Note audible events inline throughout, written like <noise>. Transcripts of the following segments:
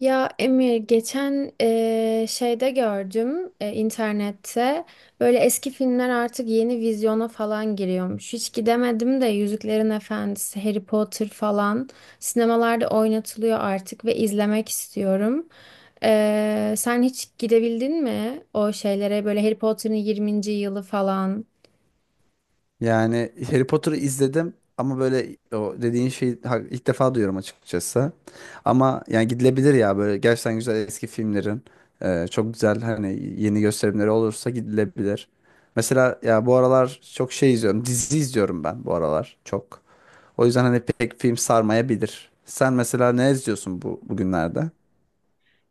Ya Emir geçen şeyde gördüm internette böyle eski filmler artık yeni vizyona falan giriyormuş. Hiç gidemedim de Yüzüklerin Efendisi, Harry Potter falan sinemalarda oynatılıyor artık ve izlemek istiyorum. Sen hiç gidebildin mi o şeylere böyle Harry Potter'ın 20. yılı falan? Yani Harry Potter'ı izledim ama böyle o dediğin şeyi ilk defa duyuyorum açıkçası. Ama yani gidilebilir ya böyle gerçekten güzel eski filmlerin çok güzel hani yeni gösterimleri olursa gidilebilir. Mesela ya bu aralar çok şey izliyorum. Dizi izliyorum ben bu aralar çok. O yüzden hani pek film sarmayabilir. Sen mesela ne izliyorsun bu bugünlerde?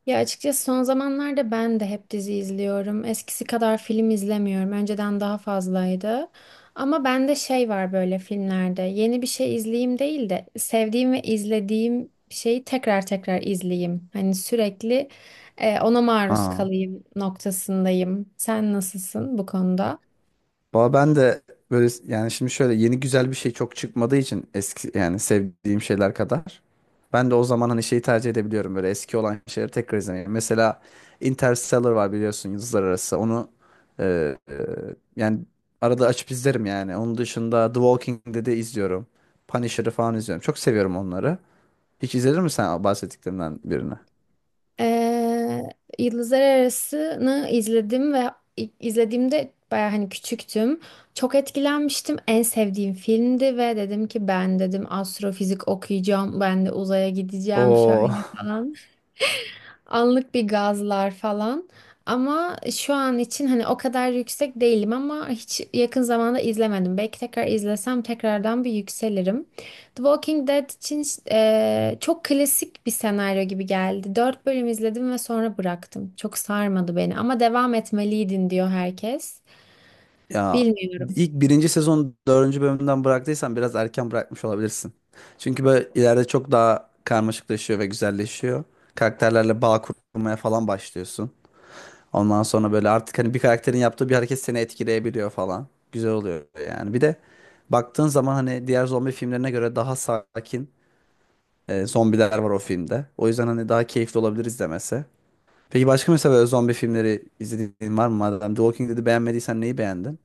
Ya açıkçası son zamanlarda ben de hep dizi izliyorum. Eskisi kadar film izlemiyorum. Önceden daha fazlaydı. Ama bende şey var böyle filmlerde. Yeni bir şey izleyeyim değil de sevdiğim ve izlediğim şeyi tekrar tekrar izleyeyim. Hani sürekli ona maruz Aa. kalayım noktasındayım. Sen nasılsın bu konuda? Valla ben de böyle yani şimdi şöyle yeni güzel bir şey çok çıkmadığı için eski yani sevdiğim şeyler kadar. Ben de o zaman hani şeyi tercih edebiliyorum böyle eski olan şeyleri tekrar izlemeyi. Mesela Interstellar var biliyorsun Yıldızlar Arası. Onu e, e, yani arada açıp izlerim yani. Onun dışında The Walking Dead'i izliyorum. Punisher'ı falan izliyorum. Çok seviyorum onları. Hiç izledin mi sen bahsettiklerinden birini? Ee, Yıldızlar Arası'nı izledim ve izlediğimde baya hani küçüktüm. Çok etkilenmiştim. En sevdiğim filmdi ve dedim ki ben dedim astrofizik okuyacağım. Ben de uzaya gideceğim Oo. şöyle <laughs> falan. Anlık bir gazlar falan. Ama şu an için hani o kadar yüksek değilim ama hiç yakın zamanda izlemedim. Belki tekrar izlesem tekrardan bir yükselirim. The Walking Dead için çok klasik bir senaryo gibi geldi. Dört bölüm izledim ve sonra bıraktım. Çok sarmadı beni ama devam etmeliydin diyor herkes. Ya Bilmiyorum. ilk birinci sezon dördüncü bölümünden bıraktıysan biraz erken bırakmış olabilirsin. Çünkü böyle ileride çok daha karmaşıklaşıyor ve güzelleşiyor. Karakterlerle bağ kurmaya falan başlıyorsun. Ondan sonra böyle artık hani bir karakterin yaptığı bir hareket seni etkileyebiliyor falan. Güzel oluyor yani. Bir de baktığın zaman hani diğer zombi filmlerine göre daha sakin zombiler var o filmde. O yüzden hani daha keyifli olabilir izlemesi. Peki başka mesela böyle zombi filmleri izlediğin var mı? Madem The Walking Dead'i beğenmediysen neyi beğendin?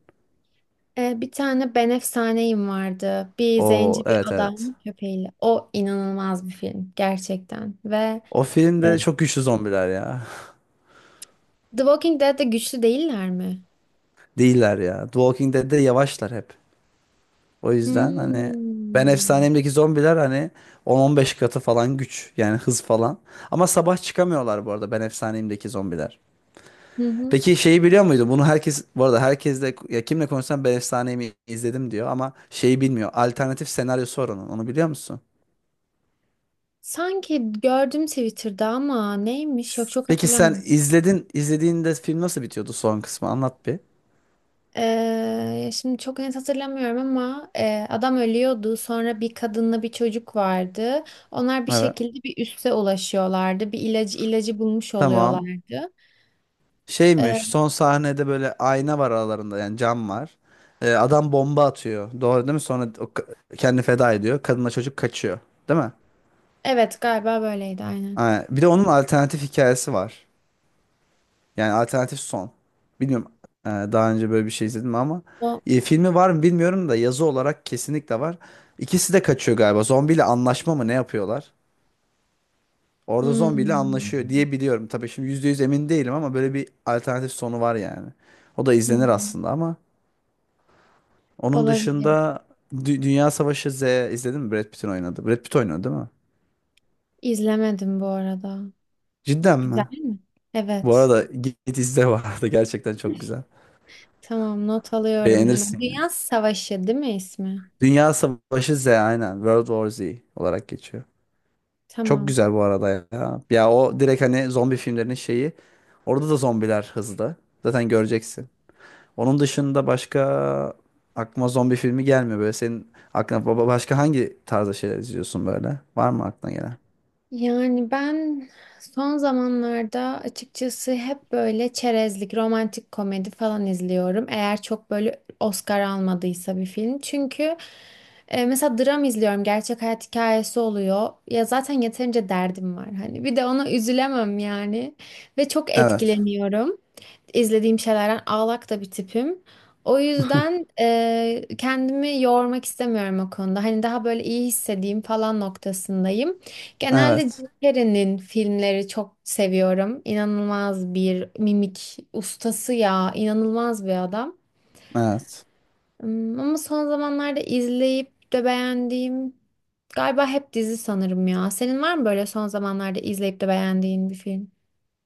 Bir tane Ben Efsaneyim vardı. Bir O, zenci bir evet, evet. adam köpeğiyle. O inanılmaz bir film gerçekten ve... O filmde çok güçlü zombiler ya. The Walking Dead'de güçlü değiller mi? <laughs> Değiller ya. The Walking Dead'de yavaşlar hep. O yüzden hani Hmm. Ben Efsanem'deki zombiler hani 10-15 katı falan güç. Yani hız falan. Ama sabah çıkamıyorlar bu arada Ben Efsanem'deki zombiler. Hı hı. Peki şeyi biliyor muydun? Bunu herkes bu arada herkesle ya kimle konuşsam Ben Efsanem'i izledim diyor ama şeyi bilmiyor. Alternatif senaryosu var onun. Onu biliyor musun? Sanki gördüm Twitter'da ama neymiş? Yok çok Peki sen hatırlamıyorum. izledin, izlediğinde film nasıl bitiyordu son kısmı? Anlat bir. Şimdi çok net hatırlamıyorum ama adam ölüyordu. Sonra bir kadınla bir çocuk vardı. Onlar bir Evet. şekilde bir üste ulaşıyorlardı. Bir ilacı bulmuş Tamam. oluyorlardı. Şeymiş Ee, son sahnede böyle ayna var aralarında yani cam var. Adam bomba atıyor. Doğru değil mi? Sonra o kendini feda ediyor. Kadınla çocuk kaçıyor. Değil mi? evet galiba böyleydi aynen. Ha, bir de onun alternatif hikayesi var. Yani alternatif son. Bilmiyorum, daha önce böyle bir şey izledim ama O filmi var mı bilmiyorum da yazı olarak kesinlikle var. İkisi de kaçıyor galiba. Zombiyle anlaşma mı ne yapıyorlar? Orada zombiyle hmm. anlaşıyor diye biliyorum. Tabii şimdi %100 emin değilim ama böyle bir alternatif sonu var yani. O da izlenir Hmm. aslında ama onun Olabilir. dışında Dünya Savaşı Z izledin mi? Brad Pitt'in oynadı. Brad Pitt oynadı değil mi? İzlemedim bu arada. Cidden Güzel mi? mi? Bu Evet. arada git git izle bu arada. <laughs> Gerçekten çok güzel. Tamam, not alıyorum hemen. Beğenirsin, yani. Dünya Savaşı değil mi ismi? Dünya Savaşı Z aynen. World War Z olarak geçiyor. Çok Tamam. güzel bu arada ya. Ya o direkt hani zombi filmlerinin şeyi. Orada da zombiler hızlı. Zaten göreceksin. Onun dışında başka aklıma zombi filmi gelmiyor böyle. Senin aklına baba başka hangi tarzda şeyler izliyorsun böyle? Var mı aklına gelen? Yani ben son zamanlarda açıkçası hep böyle çerezlik, romantik komedi falan izliyorum. Eğer çok böyle Oscar almadıysa bir film. Çünkü mesela dram izliyorum. Gerçek hayat hikayesi oluyor. Ya zaten yeterince derdim var. Hani bir de ona üzülemem yani. Ve çok Evet. etkileniyorum. İzlediğim şeylerden ağlak da bir tipim. O yüzden kendimi yormak istemiyorum o konuda. Hani daha böyle iyi hissedeyim falan noktasındayım. Genelde Evet. Jim Carrey'nin filmleri çok seviyorum. İnanılmaz bir mimik ustası ya. İnanılmaz bir adam. Evet. Ama son zamanlarda izleyip de beğendiğim galiba hep dizi sanırım ya. Senin var mı böyle son zamanlarda izleyip de beğendiğin bir film?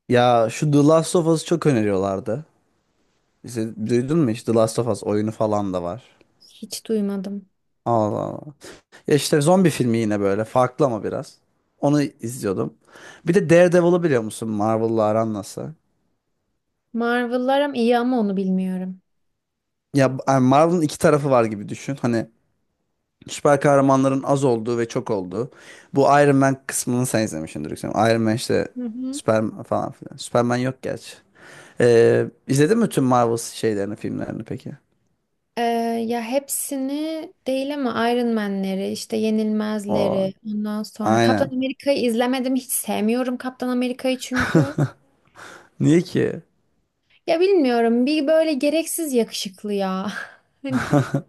Ya şu The Last of Us'ı çok öneriyorlardı. İşte, duydun mu hiç? The Last of Us oyunu falan da var. Hiç duymadım. Allah Allah. Ya işte zombi filmi yine böyle. Farklı ama biraz. Onu izliyordum. Bir de Daredevil'ı biliyor musun? Marvel'la aran nasıl? Marvel'lar ama iyi ama onu bilmiyorum. Ya yani Marvel'ın iki tarafı var gibi düşün. Hani süper kahramanların az olduğu ve çok olduğu. Bu Iron Man kısmını sen izlemişsindir, yüksek ihtimalle. Iron Man işte Hı hı. Superman falan filan. Superman yok gerçi. İzledin mi tüm Marvel şeylerini, filmlerini peki? Ee, ya hepsini değil ama Iron Man'leri, işte O, Yenilmezleri, ondan sonra Kaptan aynen. Amerika'yı izlemedim. Hiç sevmiyorum Kaptan Amerika'yı çünkü. <laughs> Niye ki? Ya bilmiyorum bir böyle gereksiz yakışıklı ya. <laughs> Hani <laughs>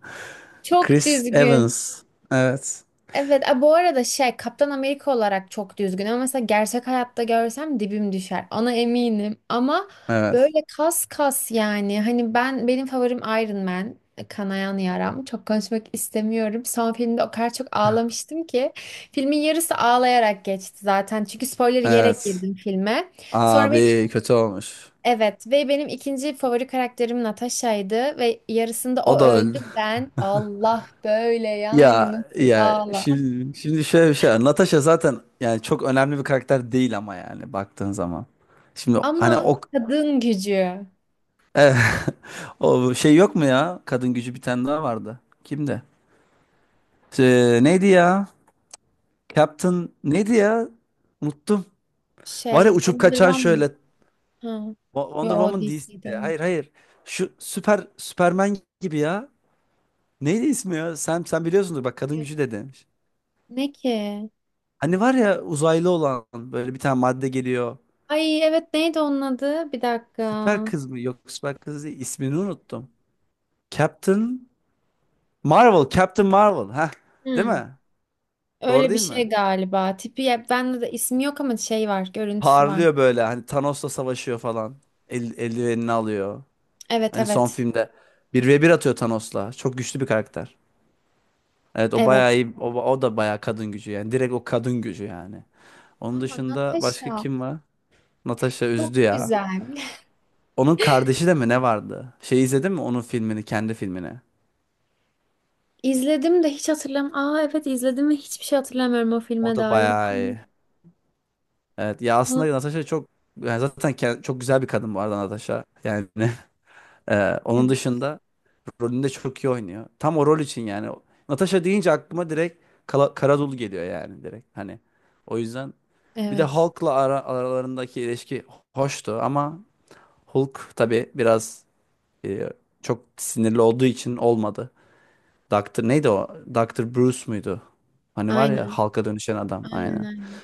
çok Chris düzgün. Evans. Evet. Evet, bu arada şey Kaptan Amerika olarak çok düzgün ama mesela gerçek hayatta görsem dibim düşer. Ona eminim ama Evet. böyle kas kas yani hani benim favorim Iron Man. Kanayan yaram. Çok konuşmak istemiyorum. Son filmde o kadar çok ağlamıştım ki. Filmin yarısı ağlayarak geçti zaten. Çünkü spoiler yiyerek Evet. girdim filme. Sonra benim, Abi kötü olmuş. evet ve benim ikinci favori karakterim Natasha'ydı ve yarısında o O da öldü. öldü. Ben Allah böyle yani Ya nasıl ya ağla. şimdi şöyle bir şey var. Natasha zaten yani çok önemli bir karakter değil ama yani baktığın zaman. Şimdi hani Ama o kadın gücü <laughs> o şey yok mu ya? Kadın gücü bir tane daha vardı. Kimdi? Neydi ya? Captain neydi ya? Unuttum. Var ya şey uçup Wonder kaçan Woman. şöyle Ha. Yo Wonder o Woman DC'de. DC'deyim. Hayır, hayır. Şu süper Superman gibi ya. Neydi ismi ya? Sen biliyorsundur, bak, kadın gücü de demiş. Ne ki? Hani var ya uzaylı olan böyle bir tane madde geliyor. Ay evet, neydi onun adı? Bir dakika. Süper kız mı? Yok, süper kız değil. İsmini unuttum. Captain Marvel. Captain Marvel. Ha, değil Hmm. mi? Doğru Öyle bir değil mi? şey galiba. Tipi ya, bende de ismi yok ama şey var, görüntüsü var. Parlıyor böyle hani Thanos'la savaşıyor falan. Eldivenini alıyor. Evet, Hani son evet. filmde bir ve bir atıyor Thanos'la. Çok güçlü bir karakter. Evet, o bayağı Evet. iyi. O, o da bayağı kadın gücü yani. Direkt o kadın gücü yani. Onun Ama dışında başka Natasha kim var? Natasha çok üzdü ya. güzel. <laughs> Onun kardeşi de mi ne vardı? Şey izledin mi onun filmini, kendi filmini? İzledim de hiç hatırlam. Aa evet izledim ve hiçbir şey hatırlamıyorum o O filme da dair. bayağı iyi. Evet ya, aslında Natasha çok yani zaten çok güzel bir kadın bu arada Natasha. Yani <laughs> <laughs> onun Evet. dışında rolünde çok iyi oynuyor. Tam o rol için yani. Natasha deyince aklıma direkt Kala, Karadul geliyor yani direkt. Hani o yüzden bir de Evet. Hulk'la aralarındaki ilişki hoştu ama Hulk tabii biraz e, çok sinirli olduğu için olmadı. Doktor neydi o? Doktor Bruce muydu? Hani var ya Aynen. halka dönüşen adam, Aynen, aynen. aynen.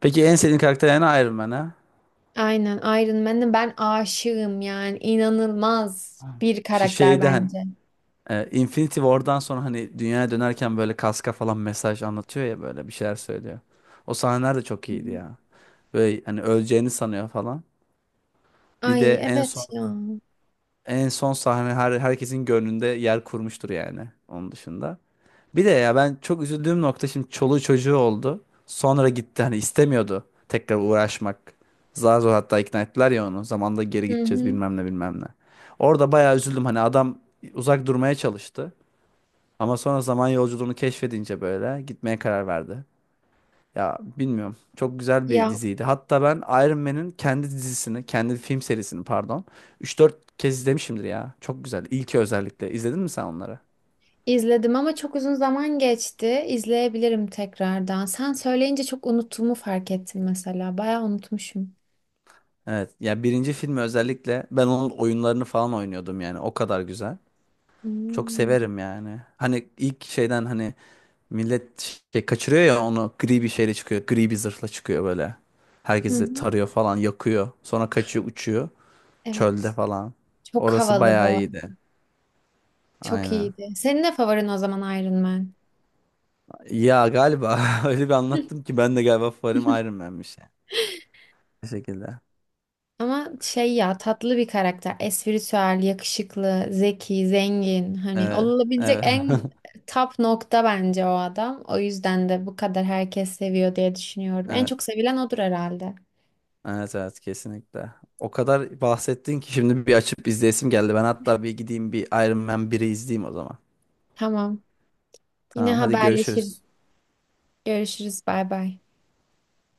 Peki en sevdiğin karakter yani Iron Man ha? Aynen Iron Man'e ben aşığım yani inanılmaz bir Şu karakter şeyden bence. Infinity War'dan sonra hani dünyaya dönerken böyle kaska falan mesaj anlatıyor ya böyle bir şeyler söylüyor. O sahneler de çok Hı iyiydi hı. ya. Böyle hani öleceğini sanıyor falan. Bir de Ay en son evet ya. en son sahne herkesin gönlünde yer kurmuştur yani onun dışında. Bir de ya ben çok üzüldüğüm nokta, şimdi çoluğu çocuğu oldu. Sonra gitti, hani istemiyordu tekrar uğraşmak. Zar zor hatta ikna ettiler ya onu. Zamanında geri Hı gideceğiz, hı. bilmem ne, bilmem ne. Orada bayağı üzüldüm, hani adam uzak durmaya çalıştı. Ama sonra zaman yolculuğunu keşfedince böyle gitmeye karar verdi. Ya bilmiyorum, çok güzel bir Ya diziydi. Hatta ben Iron Man'in kendi dizisini, kendi film serisini, pardon, 3-4 kez izlemişimdir ya. Çok güzel. İlki özellikle. İzledin mi sen onları? izledim ama çok uzun zaman geçti. İzleyebilirim tekrardan. Sen söyleyince çok unuttuğumu fark ettim mesela. Bayağı unutmuşum. Evet. Ya birinci filmi özellikle ben onun oyunlarını falan oynuyordum yani. O kadar güzel. Çok Hmm. severim yani. Hani ilk şeyden hani millet şey kaçırıyor ya onu, gri bir şeyle çıkıyor. Gri bir zırhla çıkıyor böyle. Hı Herkesi hı. tarıyor falan, yakıyor. Sonra kaçıyor, uçuyor. Çölde Evet. falan. Çok Orası havalı bayağı bu arada. iyiydi. Çok Aynen. iyiydi. Senin ne favorin o zaman Iron Man? Ya galiba <laughs> öyle bir anlattım ki ben de galiba favorim <laughs> Iron Man'miş, yani. Bu şekilde. Ama şey ya tatlı bir karakter. Espritüel, yakışıklı, zeki, zengin. Hani Evet. olabilecek Evet. en <laughs> top nokta bence o adam. O yüzden de bu kadar herkes seviyor diye düşünüyorum. En Evet. çok sevilen odur herhalde. Evet, evet, kesinlikle. O kadar bahsettin ki şimdi bir açıp izleyesim geldi. Ben hatta bir gideyim bir Iron Man 1'i izleyeyim o zaman. Tamam. Yine Tamam, hadi haberleşiriz. görüşürüz. Görüşürüz. Bay bay.